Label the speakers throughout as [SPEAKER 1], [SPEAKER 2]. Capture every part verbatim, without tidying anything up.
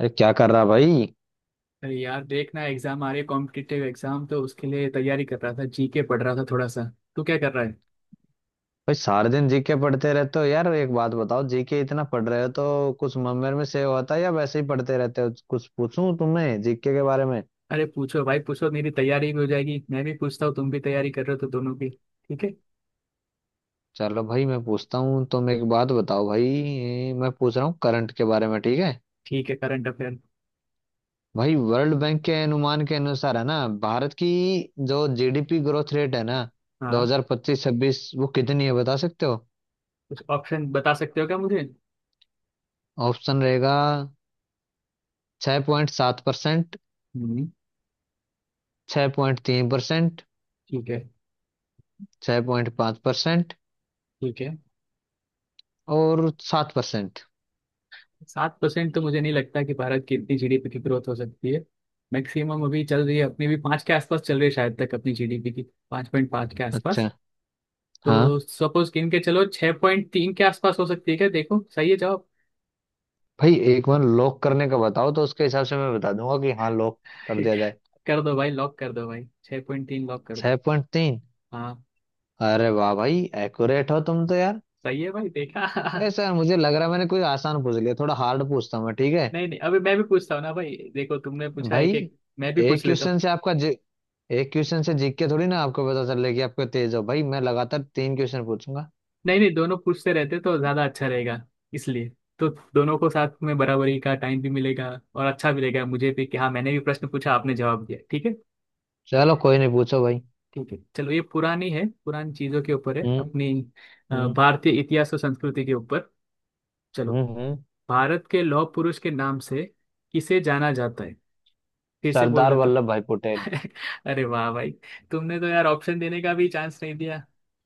[SPEAKER 1] अरे क्या कर रहा भाई?
[SPEAKER 2] अरे यार देखना, एग्जाम आ रही है। कॉम्पिटिटिव एग्जाम तो उसके लिए तैयारी कर रहा था, जीके पढ़ रहा था थोड़ा सा। तू क्या कर रहा है?
[SPEAKER 1] भाई सारे दिन जीके पढ़ते रहते हो यार। एक बात बताओ, जीके इतना पढ़ रहे हो तो कुछ मम्मेर में सेव होता है या वैसे ही पढ़ते रहते हो? कुछ पूछूं तुम्हें जीके के बारे में?
[SPEAKER 2] अरे पूछो भाई पूछो, मेरी तैयारी भी हो जाएगी, मैं भी पूछता हूँ, तुम भी तैयारी कर रहे हो तो दोनों की ठीक है।
[SPEAKER 1] चलो भाई, मैं पूछता हूँ। तुम एक बात बताओ, भाई मैं पूछ रहा हूँ करंट के बारे में, ठीक है।
[SPEAKER 2] ठीक है, करंट अफेयर।
[SPEAKER 1] भाई, वर्ल्ड बैंक के अनुमान के अनुसार है ना, भारत की जो जीडीपी ग्रोथ रेट है ना
[SPEAKER 2] हाँ।
[SPEAKER 1] दो हज़ार पच्चीस-छब्बीस, वो कितनी है बता सकते हो?
[SPEAKER 2] कुछ ऑप्शन बता सकते हो क्या मुझे?
[SPEAKER 1] ऑप्शन रहेगा। छह पॉइंट सात परसेंट,
[SPEAKER 2] हम्म।
[SPEAKER 1] छह पॉइंट तीन परसेंट,
[SPEAKER 2] ठीक है।
[SPEAKER 1] छह पॉइंट पाँच परसेंट
[SPEAKER 2] ठीक है।
[SPEAKER 1] और सात परसेंट।
[SPEAKER 2] सात परसेंट तो मुझे नहीं लगता कि भारत की इतनी जीडीपी की ग्रोथ हो सकती है। मैक्सिमम अभी चल रही है, अपनी भी पाँच के आसपास चल रही है शायद तक अपनी जीडीपी की। पाँच पॉइंट पाँच के आसपास।
[SPEAKER 1] अच्छा। हाँ।
[SPEAKER 2] तो सपोज गिन के चलो, छह पॉइंट तीन के आसपास हो सकती है क्या? देखो सही है जवाब?
[SPEAKER 1] भाई एक बार लॉक करने का बताओ तो उसके हिसाब से मैं बता दूंगा कि हाँ लॉक कर दिया जाए।
[SPEAKER 2] कर दो भाई लॉक कर दो भाई, छह पॉइंट तीन लॉक कर
[SPEAKER 1] छह
[SPEAKER 2] दो।
[SPEAKER 1] पॉइंट तीन
[SPEAKER 2] हाँ।
[SPEAKER 1] अरे वाह भाई! एक्यूरेट हो तुम तो यार।
[SPEAKER 2] सही है भाई, देखा।
[SPEAKER 1] ऐसा यार मुझे लग रहा है मैंने कोई आसान पूछ लिया। थोड़ा हार्ड पूछता हूँ मैं, ठीक है।
[SPEAKER 2] नहीं नहीं, अभी मैं भी पूछता हूँ ना भाई, देखो तुमने पूछा
[SPEAKER 1] भाई
[SPEAKER 2] एक एक, मैं भी
[SPEAKER 1] एक
[SPEAKER 2] पूछ लेता हूँ।
[SPEAKER 1] क्वेश्चन से आपका जी, एक क्वेश्चन से जीत के थोड़ी ना आपको पता चल रहा है कि आपको तेज हो। भाई मैं लगातार तीन क्वेश्चन पूछूंगा।
[SPEAKER 2] नहीं नहीं, दोनों पूछते रहते तो ज्यादा अच्छा रहेगा, इसलिए तो दोनों को साथ में बराबरी का टाइम भी मिलेगा, और अच्छा भी लगेगा मुझे भी कि हाँ मैंने भी प्रश्न पूछा, आपने जवाब दिया, ठीक है।
[SPEAKER 1] चलो कोई नहीं, पूछो भाई।
[SPEAKER 2] ठीक है, चलो ये पुरानी है, पुरानी चीजों के ऊपर है
[SPEAKER 1] हम्म
[SPEAKER 2] अपनी। अ,
[SPEAKER 1] हम्म
[SPEAKER 2] भारतीय इतिहास और संस्कृति के ऊपर। चलो।
[SPEAKER 1] हम्म हम्म
[SPEAKER 2] भारत के लौह पुरुष के नाम से किसे जाना जाता है? फिर से बोल
[SPEAKER 1] सरदार
[SPEAKER 2] देता
[SPEAKER 1] वल्लभ भाई पटेल।
[SPEAKER 2] हूँ। अरे वाह भाई! तुमने तो यार ऑप्शन देने का भी चांस नहीं दिया।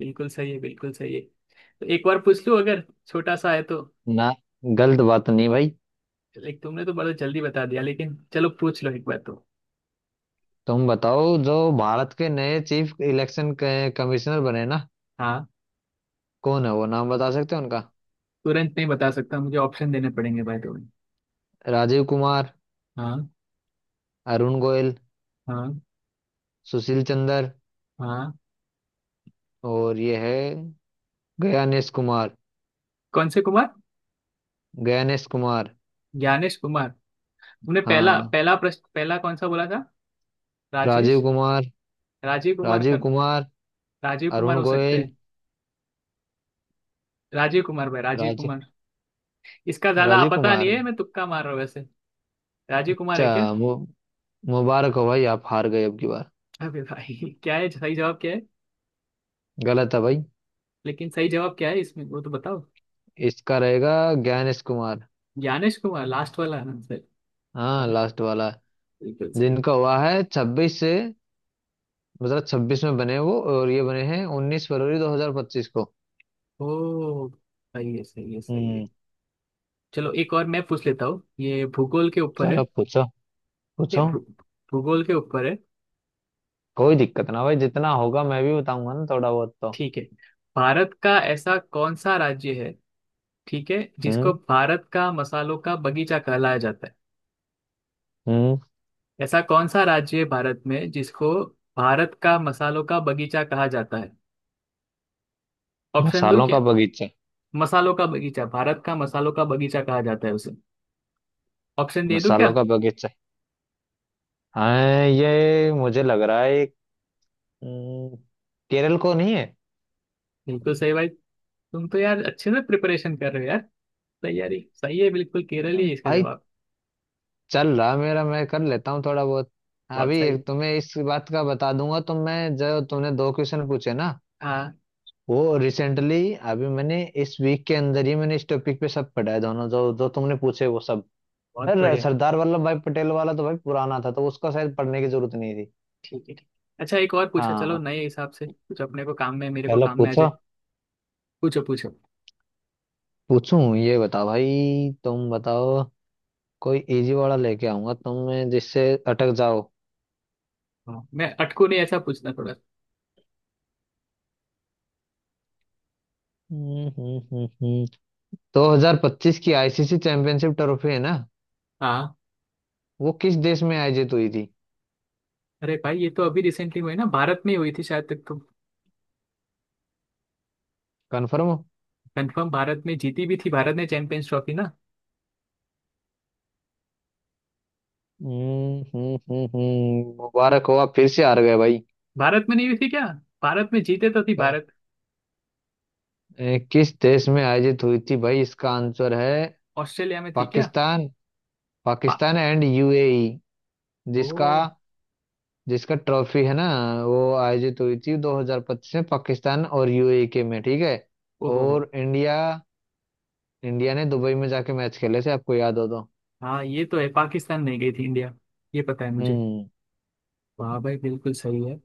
[SPEAKER 2] बिल्कुल सही है, बिल्कुल सही है। तो एक बार पूछ लूँ अगर छोटा सा है तो।
[SPEAKER 1] ना, गलत बात नहीं भाई।
[SPEAKER 2] लाइक तुमने तो बड़ा जल्दी बता दिया, लेकिन चलो पूछ लो एक बार तो।
[SPEAKER 1] तुम बताओ, जो भारत के नए चीफ इलेक्शन कमिश्नर बने ना,
[SPEAKER 2] हाँ।
[SPEAKER 1] कौन है वो, नाम बता सकते हो उनका?
[SPEAKER 2] तुरंत नहीं बता सकता, मुझे ऑप्शन देने पड़ेंगे भाई तुम्हें।
[SPEAKER 1] राजीव कुमार,
[SPEAKER 2] हाँ।
[SPEAKER 1] अरुण गोयल,
[SPEAKER 2] हाँ।
[SPEAKER 1] सुशील चंद्र
[SPEAKER 2] हाँ।
[SPEAKER 1] और ये है गयानेश कुमार।
[SPEAKER 2] कौन से कुमार?
[SPEAKER 1] गयानेश कुमार।
[SPEAKER 2] ज्ञानेश कुमार। तुमने पहला
[SPEAKER 1] हाँ।
[SPEAKER 2] पहला प्रश्न, पहला कौन सा बोला था?
[SPEAKER 1] राजीव
[SPEAKER 2] राजेश?
[SPEAKER 1] कुमार।
[SPEAKER 2] राजीव कुमार
[SPEAKER 1] राजीव
[SPEAKER 2] कर?
[SPEAKER 1] कुमार।
[SPEAKER 2] राजीव कुमार
[SPEAKER 1] अरुण
[SPEAKER 2] हो सकते
[SPEAKER 1] गोयल।
[SPEAKER 2] हैं। राजीव कुमार भाई, राजीव
[SPEAKER 1] राज
[SPEAKER 2] कुमार। इसका ज्यादा
[SPEAKER 1] राजीव
[SPEAKER 2] पता नहीं
[SPEAKER 1] कुमार।
[SPEAKER 2] है, मैं तुक्का मार रहा हूँ वैसे। राजीव कुमार
[SPEAKER 1] अच्छा
[SPEAKER 2] है क्या?
[SPEAKER 1] मु, मुबारक हो भाई, आप हार गए अब की बार।
[SPEAKER 2] अबे भाई! क्या है, सही जवाब क्या है?
[SPEAKER 1] गलत है भाई।
[SPEAKER 2] लेकिन सही जवाब क्या है इसमें, वो तो बताओ।
[SPEAKER 1] इसका रहेगा ज्ञानेश कुमार।
[SPEAKER 2] ज्ञानेश कुमार, लास्ट वाला आंसर।
[SPEAKER 1] हाँ,
[SPEAKER 2] अबे!
[SPEAKER 1] लास्ट वाला।
[SPEAKER 2] बिल्कुल सही।
[SPEAKER 1] जिनका हुआ है छब्बीस से, दो हजार छब्बीस में बने वो, और ये बने हैं उन्नीस फरवरी दो हजार पच्चीस को।
[SPEAKER 2] ओ। सही है, सही है, सही है।
[SPEAKER 1] हम्म।
[SPEAKER 2] चलो एक और मैं पूछ लेता हूँ, ये भूगोल के ऊपर है।
[SPEAKER 1] चलो पूछो।
[SPEAKER 2] ये
[SPEAKER 1] पूछो।
[SPEAKER 2] भू, भूगोल के ऊपर है।
[SPEAKER 1] कोई दिक्कत ना भाई, जितना होगा मैं भी बताऊंगा ना थोड़ा बहुत तो।
[SPEAKER 2] ठीक है, भारत का ऐसा कौन सा राज्य है, ठीक है, जिसको
[SPEAKER 1] हम्म।
[SPEAKER 2] भारत का मसालों का बगीचा कहलाया जाता है?
[SPEAKER 1] हम्म।
[SPEAKER 2] ऐसा कौन सा राज्य है भारत में जिसको भारत का मसालों का बगीचा कहा जाता है? ऑप्शन दो
[SPEAKER 1] मसालों
[SPEAKER 2] क्या?
[SPEAKER 1] का बगीचा।
[SPEAKER 2] मसालों का बगीचा, भारत का मसालों का बगीचा कहा जाता है उसे। ऑप्शन दे दूं क्या?
[SPEAKER 1] मसालों का बगीचा। हाँ ये मुझे लग रहा है, एक, हम्म, केरल को नहीं है?
[SPEAKER 2] बिल्कुल सही भाई! तुम तो यार अच्छे से प्रिपरेशन कर रहे हो यार। तैयारी सही है, बिल्कुल केरल ही है इसका
[SPEAKER 1] भाई
[SPEAKER 2] जवाब।
[SPEAKER 1] चल रहा मेरा, मैं कर लेता हूँ थोड़ा बहुत।
[SPEAKER 2] बहुत
[SPEAKER 1] अभी
[SPEAKER 2] सही।
[SPEAKER 1] एक तुम्हें इस बात का बता दूंगा। तो मैं जो, तूने दो क्वेश्चन पूछे ना,
[SPEAKER 2] हाँ।
[SPEAKER 1] वो रिसेंटली अभी मैंने इस वीक के अंदर ही मैंने इस टॉपिक पे सब पढ़ा है। दोनों जो जो तुमने पूछे वो सब।
[SPEAKER 2] बहुत
[SPEAKER 1] अरे
[SPEAKER 2] बढ़िया।
[SPEAKER 1] सरदार वल्लभ भाई पटेल वाला तो भाई पुराना था, तो उसका शायद पढ़ने की जरूरत नहीं थी।
[SPEAKER 2] ठीक है, ठीक। अच्छा एक और पूछो, चलो
[SPEAKER 1] हाँ।
[SPEAKER 2] नए हिसाब से कुछ अपने को काम में, मेरे को
[SPEAKER 1] चलो
[SPEAKER 2] काम में आ जाए।
[SPEAKER 1] पूछो।
[SPEAKER 2] पूछो पूछो।
[SPEAKER 1] पूछूं, ये बताओ भाई। तुम बताओ। कोई इजी वाला लेके आऊंगा तुम जिससे अटक जाओ।
[SPEAKER 2] हाँ, मैं अटकू नहीं ऐसा पूछना थोड़ा।
[SPEAKER 1] हम्म हम्म हम्म हम्म। दो हजार पच्चीस की आईसीसी चैंपियनशिप ट्रॉफी है ना,
[SPEAKER 2] हाँ।
[SPEAKER 1] वो किस देश में आयोजित हुई थी?
[SPEAKER 2] अरे भाई ये तो अभी रिसेंटली हुई ना, भारत में हुई थी शायद तक।
[SPEAKER 1] कंफर्म हो?
[SPEAKER 2] कंफर्म, भारत में जीती भी थी भारत ने चैंपियंस ट्रॉफी ना।
[SPEAKER 1] हम्म हम्म हम्म हम्म, मुबारक हो, आप फिर से हार गए।
[SPEAKER 2] भारत में नहीं हुई थी क्या? भारत में जीते तो थी
[SPEAKER 1] भाई
[SPEAKER 2] भारत।
[SPEAKER 1] ए, किस देश में आयोजित हुई थी भाई, इसका आंसर है
[SPEAKER 2] ऑस्ट्रेलिया में थी क्या?
[SPEAKER 1] पाकिस्तान।
[SPEAKER 2] पा
[SPEAKER 1] पाकिस्तान एंड यूएई।
[SPEAKER 2] ओ।
[SPEAKER 1] जिसका जिसका ट्रॉफी है ना, वो आयोजित हुई थी दो हज़ार पच्चीस में पाकिस्तान और यूएई के में, ठीक है।
[SPEAKER 2] ओहो हो।
[SPEAKER 1] और इंडिया, इंडिया ने दुबई में जाके मैच खेले थे आपको याद हो तो।
[SPEAKER 2] हाँ ये तो है, पाकिस्तान नहीं गई थी इंडिया, ये पता है मुझे।
[SPEAKER 1] हम्म।
[SPEAKER 2] वाह भाई, बिल्कुल सही है।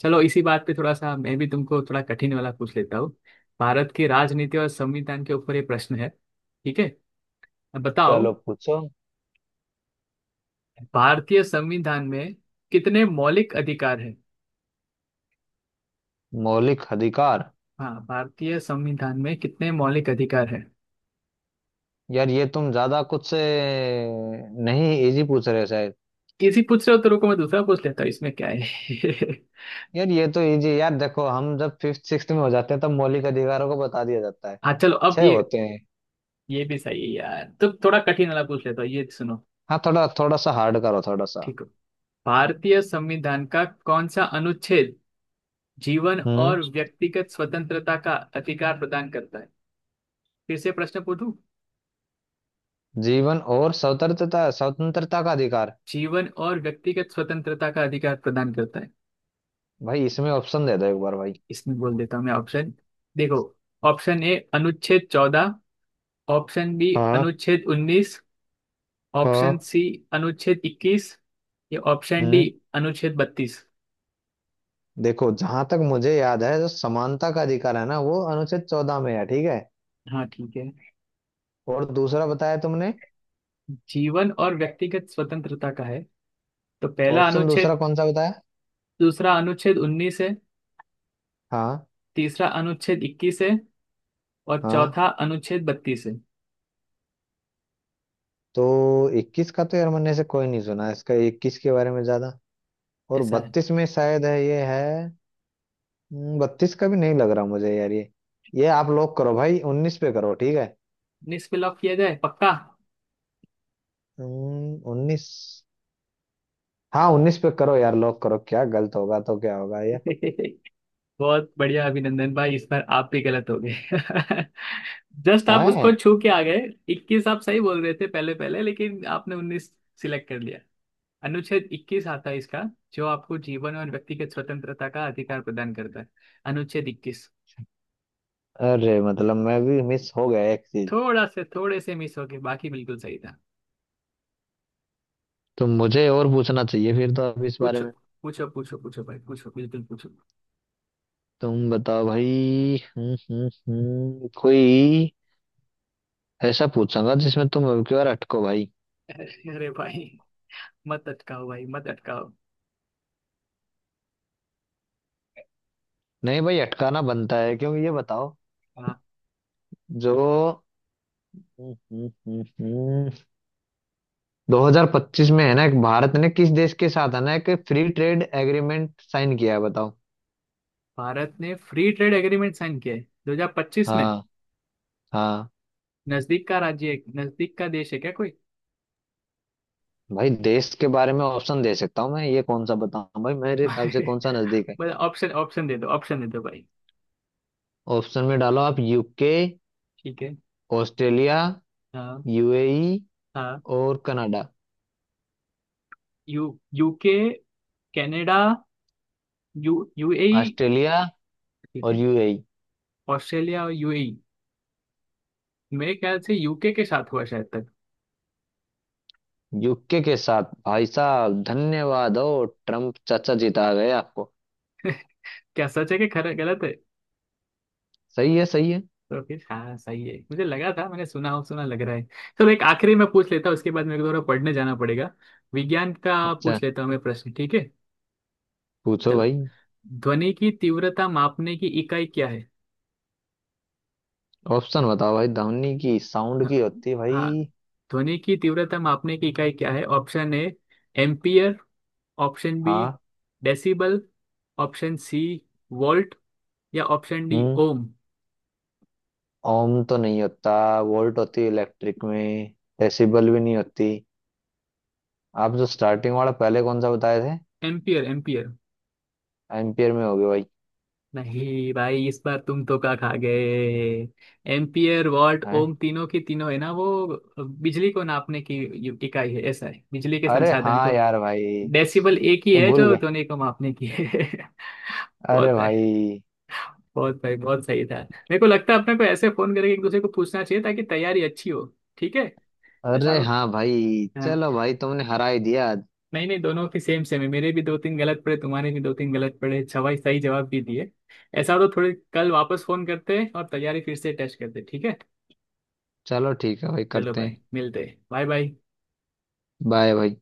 [SPEAKER 2] चलो इसी बात पे थोड़ा सा मैं भी तुमको थोड़ा कठिन वाला पूछ लेता हूँ। भारत की राजनीति और संविधान के ऊपर ये प्रश्न है, ठीक है। अब बताओ,
[SPEAKER 1] चलो पूछो।
[SPEAKER 2] भारतीय संविधान में कितने मौलिक अधिकार हैं?
[SPEAKER 1] मौलिक अधिकार।
[SPEAKER 2] हाँ, भारतीय संविधान में कितने मौलिक अधिकार हैं?
[SPEAKER 1] यार ये तुम ज्यादा कुछ से नहीं, इजी पूछ रहे हो शायद।
[SPEAKER 2] इसी पूछ रहे हो तो रुको, मैं दूसरा पूछ लेता हूँ इसमें, क्या है?
[SPEAKER 1] यार ये तो इजी यार। देखो हम जब फिफ्थ सिक्स्थ में हो जाते हैं तब मौलिक अधिकारों को बता दिया जाता है।
[SPEAKER 2] हाँ चलो अब
[SPEAKER 1] छह
[SPEAKER 2] ये
[SPEAKER 1] होते हैं।
[SPEAKER 2] ये भी सही है यार, तो थोड़ा कठिन वाला पूछ लेता हूँ, ये सुनो।
[SPEAKER 1] हाँ, थोड़ा थोड़ा सा हार्ड करो, थोड़ा सा।
[SPEAKER 2] ठीक हो? भारतीय संविधान का कौन सा अनुच्छेद जीवन
[SPEAKER 1] हम्म।
[SPEAKER 2] और व्यक्तिगत स्वतंत्रता का अधिकार प्रदान करता है? फिर से प्रश्न पूछूं?
[SPEAKER 1] जीवन और स्वतंत्रता स्वतंत्रता का अधिकार।
[SPEAKER 2] जीवन और व्यक्तिगत स्वतंत्रता का अधिकार प्रदान करता है।
[SPEAKER 1] भाई इसमें ऑप्शन दे दो एक बार भाई।
[SPEAKER 2] इसमें बोल देता हूँ मैं ऑप्शन, देखो। ऑप्शन ए, अनुच्छेद चौदह। ऑप्शन बी,
[SPEAKER 1] हाँ।
[SPEAKER 2] अनुच्छेद उन्नीस। ऑप्शन
[SPEAKER 1] हाँ।
[SPEAKER 2] सी, अनुच्छेद इक्कीस। या ऑप्शन डी,
[SPEAKER 1] हम्म।
[SPEAKER 2] अनुच्छेद बत्तीस।
[SPEAKER 1] देखो जहां तक मुझे याद है जो समानता का अधिकार है ना, वो अनुच्छेद चौदह में है, ठीक है।
[SPEAKER 2] हाँ, ठीक है।
[SPEAKER 1] और दूसरा बताया तुमने?
[SPEAKER 2] जीवन और व्यक्तिगत स्वतंत्रता का है, तो पहला
[SPEAKER 1] ऑप्शन
[SPEAKER 2] अनुच्छेद।
[SPEAKER 1] दूसरा कौन सा बताया?
[SPEAKER 2] दूसरा अनुच्छेद उन्नीस है,
[SPEAKER 1] हाँ।
[SPEAKER 2] तीसरा अनुच्छेद इक्कीस है, और
[SPEAKER 1] हाँ।
[SPEAKER 2] चौथा अनुच्छेद बत्तीस है।
[SPEAKER 1] तो इक्कीस का तो यार मैंने से कोई नहीं सुना इसका, इक्कीस के बारे में ज्यादा। और
[SPEAKER 2] ऐसा है।
[SPEAKER 1] बत्तीस में शायद है ये है। हम्म, बत्तीस का भी नहीं लग रहा मुझे यार ये। ये आप लॉक करो भाई, उन्नीस पे करो, ठीक है।
[SPEAKER 2] उन्नीस पे लॉक किया जाए पक्का?
[SPEAKER 1] हम्म, उन्नीस। हाँ उन्नीस पे करो यार, लॉक करो, क्या गलत होगा तो क्या होगा ये?
[SPEAKER 2] बहुत बढ़िया अभिनंदन भाई, इस बार आप भी गलत हो गए। जस्ट आप
[SPEAKER 1] है।
[SPEAKER 2] उसको छू के आ गए। इक्कीस आप सही बोल रहे थे पहले पहले, लेकिन आपने उन्नीस सिलेक्ट कर लिया। अनुच्छेद इक्कीस आता है इसका, जो आपको जीवन और व्यक्तिगत स्वतंत्रता का अधिकार प्रदान करता है, अनुच्छेद इक्कीस।
[SPEAKER 1] अरे मतलब मैं भी मिस हो गया एक चीज।
[SPEAKER 2] थोड़ा से, थोड़े से मिस हो गए, बाकी बिल्कुल सही था।
[SPEAKER 1] तो मुझे और पूछना चाहिए फिर तो अब इस बारे
[SPEAKER 2] पूछो
[SPEAKER 1] में।
[SPEAKER 2] पूछो पूछो पूछो भाई पूछो, बिल्कुल पूछो।
[SPEAKER 1] तुम बताओ भाई। हम्म हम्म हम्म कोई ऐसा पूछूंगा जिसमें तुम अब की बार अटको भाई।
[SPEAKER 2] अरे अरे भाई, मत अटकाओ भाई मत अटकाओ।
[SPEAKER 1] नहीं भाई, अटकाना बनता है क्योंकि ये बताओ।
[SPEAKER 2] हाँ।
[SPEAKER 1] जो हम्म हम्म हम्म, हम्म, दो हज़ार पच्चीस में है ना, एक भारत ने किस देश के साथ है ना एक फ्री ट्रेड एग्रीमेंट साइन किया है, बताओ।
[SPEAKER 2] भारत ने फ्री ट्रेड एग्रीमेंट साइन किया है दो हज़ार पच्चीस में।
[SPEAKER 1] हाँ। हाँ।
[SPEAKER 2] नजदीक का राज्य है, नजदीक का देश है क्या कोई?
[SPEAKER 1] भाई देश के बारे में ऑप्शन दे सकता हूँ मैं ये कौन सा बताऊँ, भाई मेरे हिसाब से
[SPEAKER 2] भाई
[SPEAKER 1] कौन सा नजदीक है?
[SPEAKER 2] मतलब ऑप्शन ऑप्शन दे दो, ऑप्शन दे दो भाई।
[SPEAKER 1] ऑप्शन में डालो आप, यूके,
[SPEAKER 2] ठीक है।
[SPEAKER 1] ऑस्ट्रेलिया,
[SPEAKER 2] हाँ।
[SPEAKER 1] यूएई
[SPEAKER 2] हाँ।
[SPEAKER 1] और Canada.
[SPEAKER 2] U UK, Canada, U UAE.
[SPEAKER 1] Australia
[SPEAKER 2] ठीक
[SPEAKER 1] और
[SPEAKER 2] है,
[SPEAKER 1] यूएई।
[SPEAKER 2] ऑस्ट्रेलिया और यूएई। मेरे ख्याल से यूके के साथ हुआ शायद तक।
[SPEAKER 1] यूके के साथ भाई साहब, धन्यवाद। ओ, ट्रम्प चाचा जीता गए आपको।
[SPEAKER 2] क्या सच है कि खरा गलत है?
[SPEAKER 1] सही है, सही है।
[SPEAKER 2] तो फिर हाँ सही है, मुझे लगा था मैंने सुना हो, सुना लग रहा है। चलो एक आखिरी मैं पूछ लेता हूँ, उसके बाद मेरे को थोड़ा पढ़ने जाना पड़ेगा। विज्ञान का
[SPEAKER 1] अच्छा।
[SPEAKER 2] पूछ लेता हूँ मैं प्रश्न, ठीक है।
[SPEAKER 1] पूछो
[SPEAKER 2] चलो,
[SPEAKER 1] भाई।
[SPEAKER 2] ध्वनि की तीव्रता मापने की इकाई क्या है?
[SPEAKER 1] ऑप्शन बताओ भाई, धमनी की साउंड
[SPEAKER 2] हाँ।
[SPEAKER 1] की होती है
[SPEAKER 2] हाँ,
[SPEAKER 1] भाई।
[SPEAKER 2] ध्वनि की तीव्रता मापने की इकाई क्या है? Option A, ampere. Option B,
[SPEAKER 1] हाँ।
[SPEAKER 2] डेसिबल। Option C, volt. या ऑप्शन डी,
[SPEAKER 1] हम्म।
[SPEAKER 2] ओम।
[SPEAKER 1] ओम तो नहीं होता। वोल्ट होती है इलेक्ट्रिक में। डेसिबल भी नहीं होती। आप जो स्टार्टिंग वाला पहले कौन सा बताए थे?
[SPEAKER 2] Ampere, ampere.
[SPEAKER 1] एम्पियर में हो गया भाई।
[SPEAKER 2] नहीं भाई, इस बार तुम तो का खा गए। एम्पियर, वॉट,
[SPEAKER 1] हैं?
[SPEAKER 2] ओम तीनों की तीनों है ना वो, बिजली को नापने की यू- इकाई है। ऐसा है, बिजली के
[SPEAKER 1] अरे
[SPEAKER 2] संसाधन
[SPEAKER 1] हाँ
[SPEAKER 2] को।
[SPEAKER 1] यार भाई, ये
[SPEAKER 2] डेसिबल एक ही है
[SPEAKER 1] भूल
[SPEAKER 2] जो
[SPEAKER 1] गए।
[SPEAKER 2] ध्वनि को मापने की है।
[SPEAKER 1] अरे
[SPEAKER 2] बहुत है।
[SPEAKER 1] भाई।
[SPEAKER 2] बहुत भाई, बहुत सही था। मेरे को लगता है अपने को ऐसे फोन करके एक दूसरे को पूछना चाहिए ताकि तैयारी अच्छी हो, ठीक है। ऐसा
[SPEAKER 1] अरे
[SPEAKER 2] हो।
[SPEAKER 1] हाँ भाई,
[SPEAKER 2] हाँ।
[SPEAKER 1] चलो भाई तुमने हरा ही दिया आज।
[SPEAKER 2] नहीं नहीं, दोनों की सेम सेम है, मेरे भी दो तीन गलत पड़े, तुम्हारे भी दो तीन गलत पड़े, सवाई सही जवाब भी दिए। ऐसा हो तो थोड़े कल वापस फोन करते हैं और तैयारी फिर से टेस्ट करते हैं, ठीक है।
[SPEAKER 1] चलो ठीक है भाई,
[SPEAKER 2] चलो
[SPEAKER 1] करते
[SPEAKER 2] भाई
[SPEAKER 1] हैं।
[SPEAKER 2] मिलते हैं, बाय बाय।
[SPEAKER 1] बाय भाई।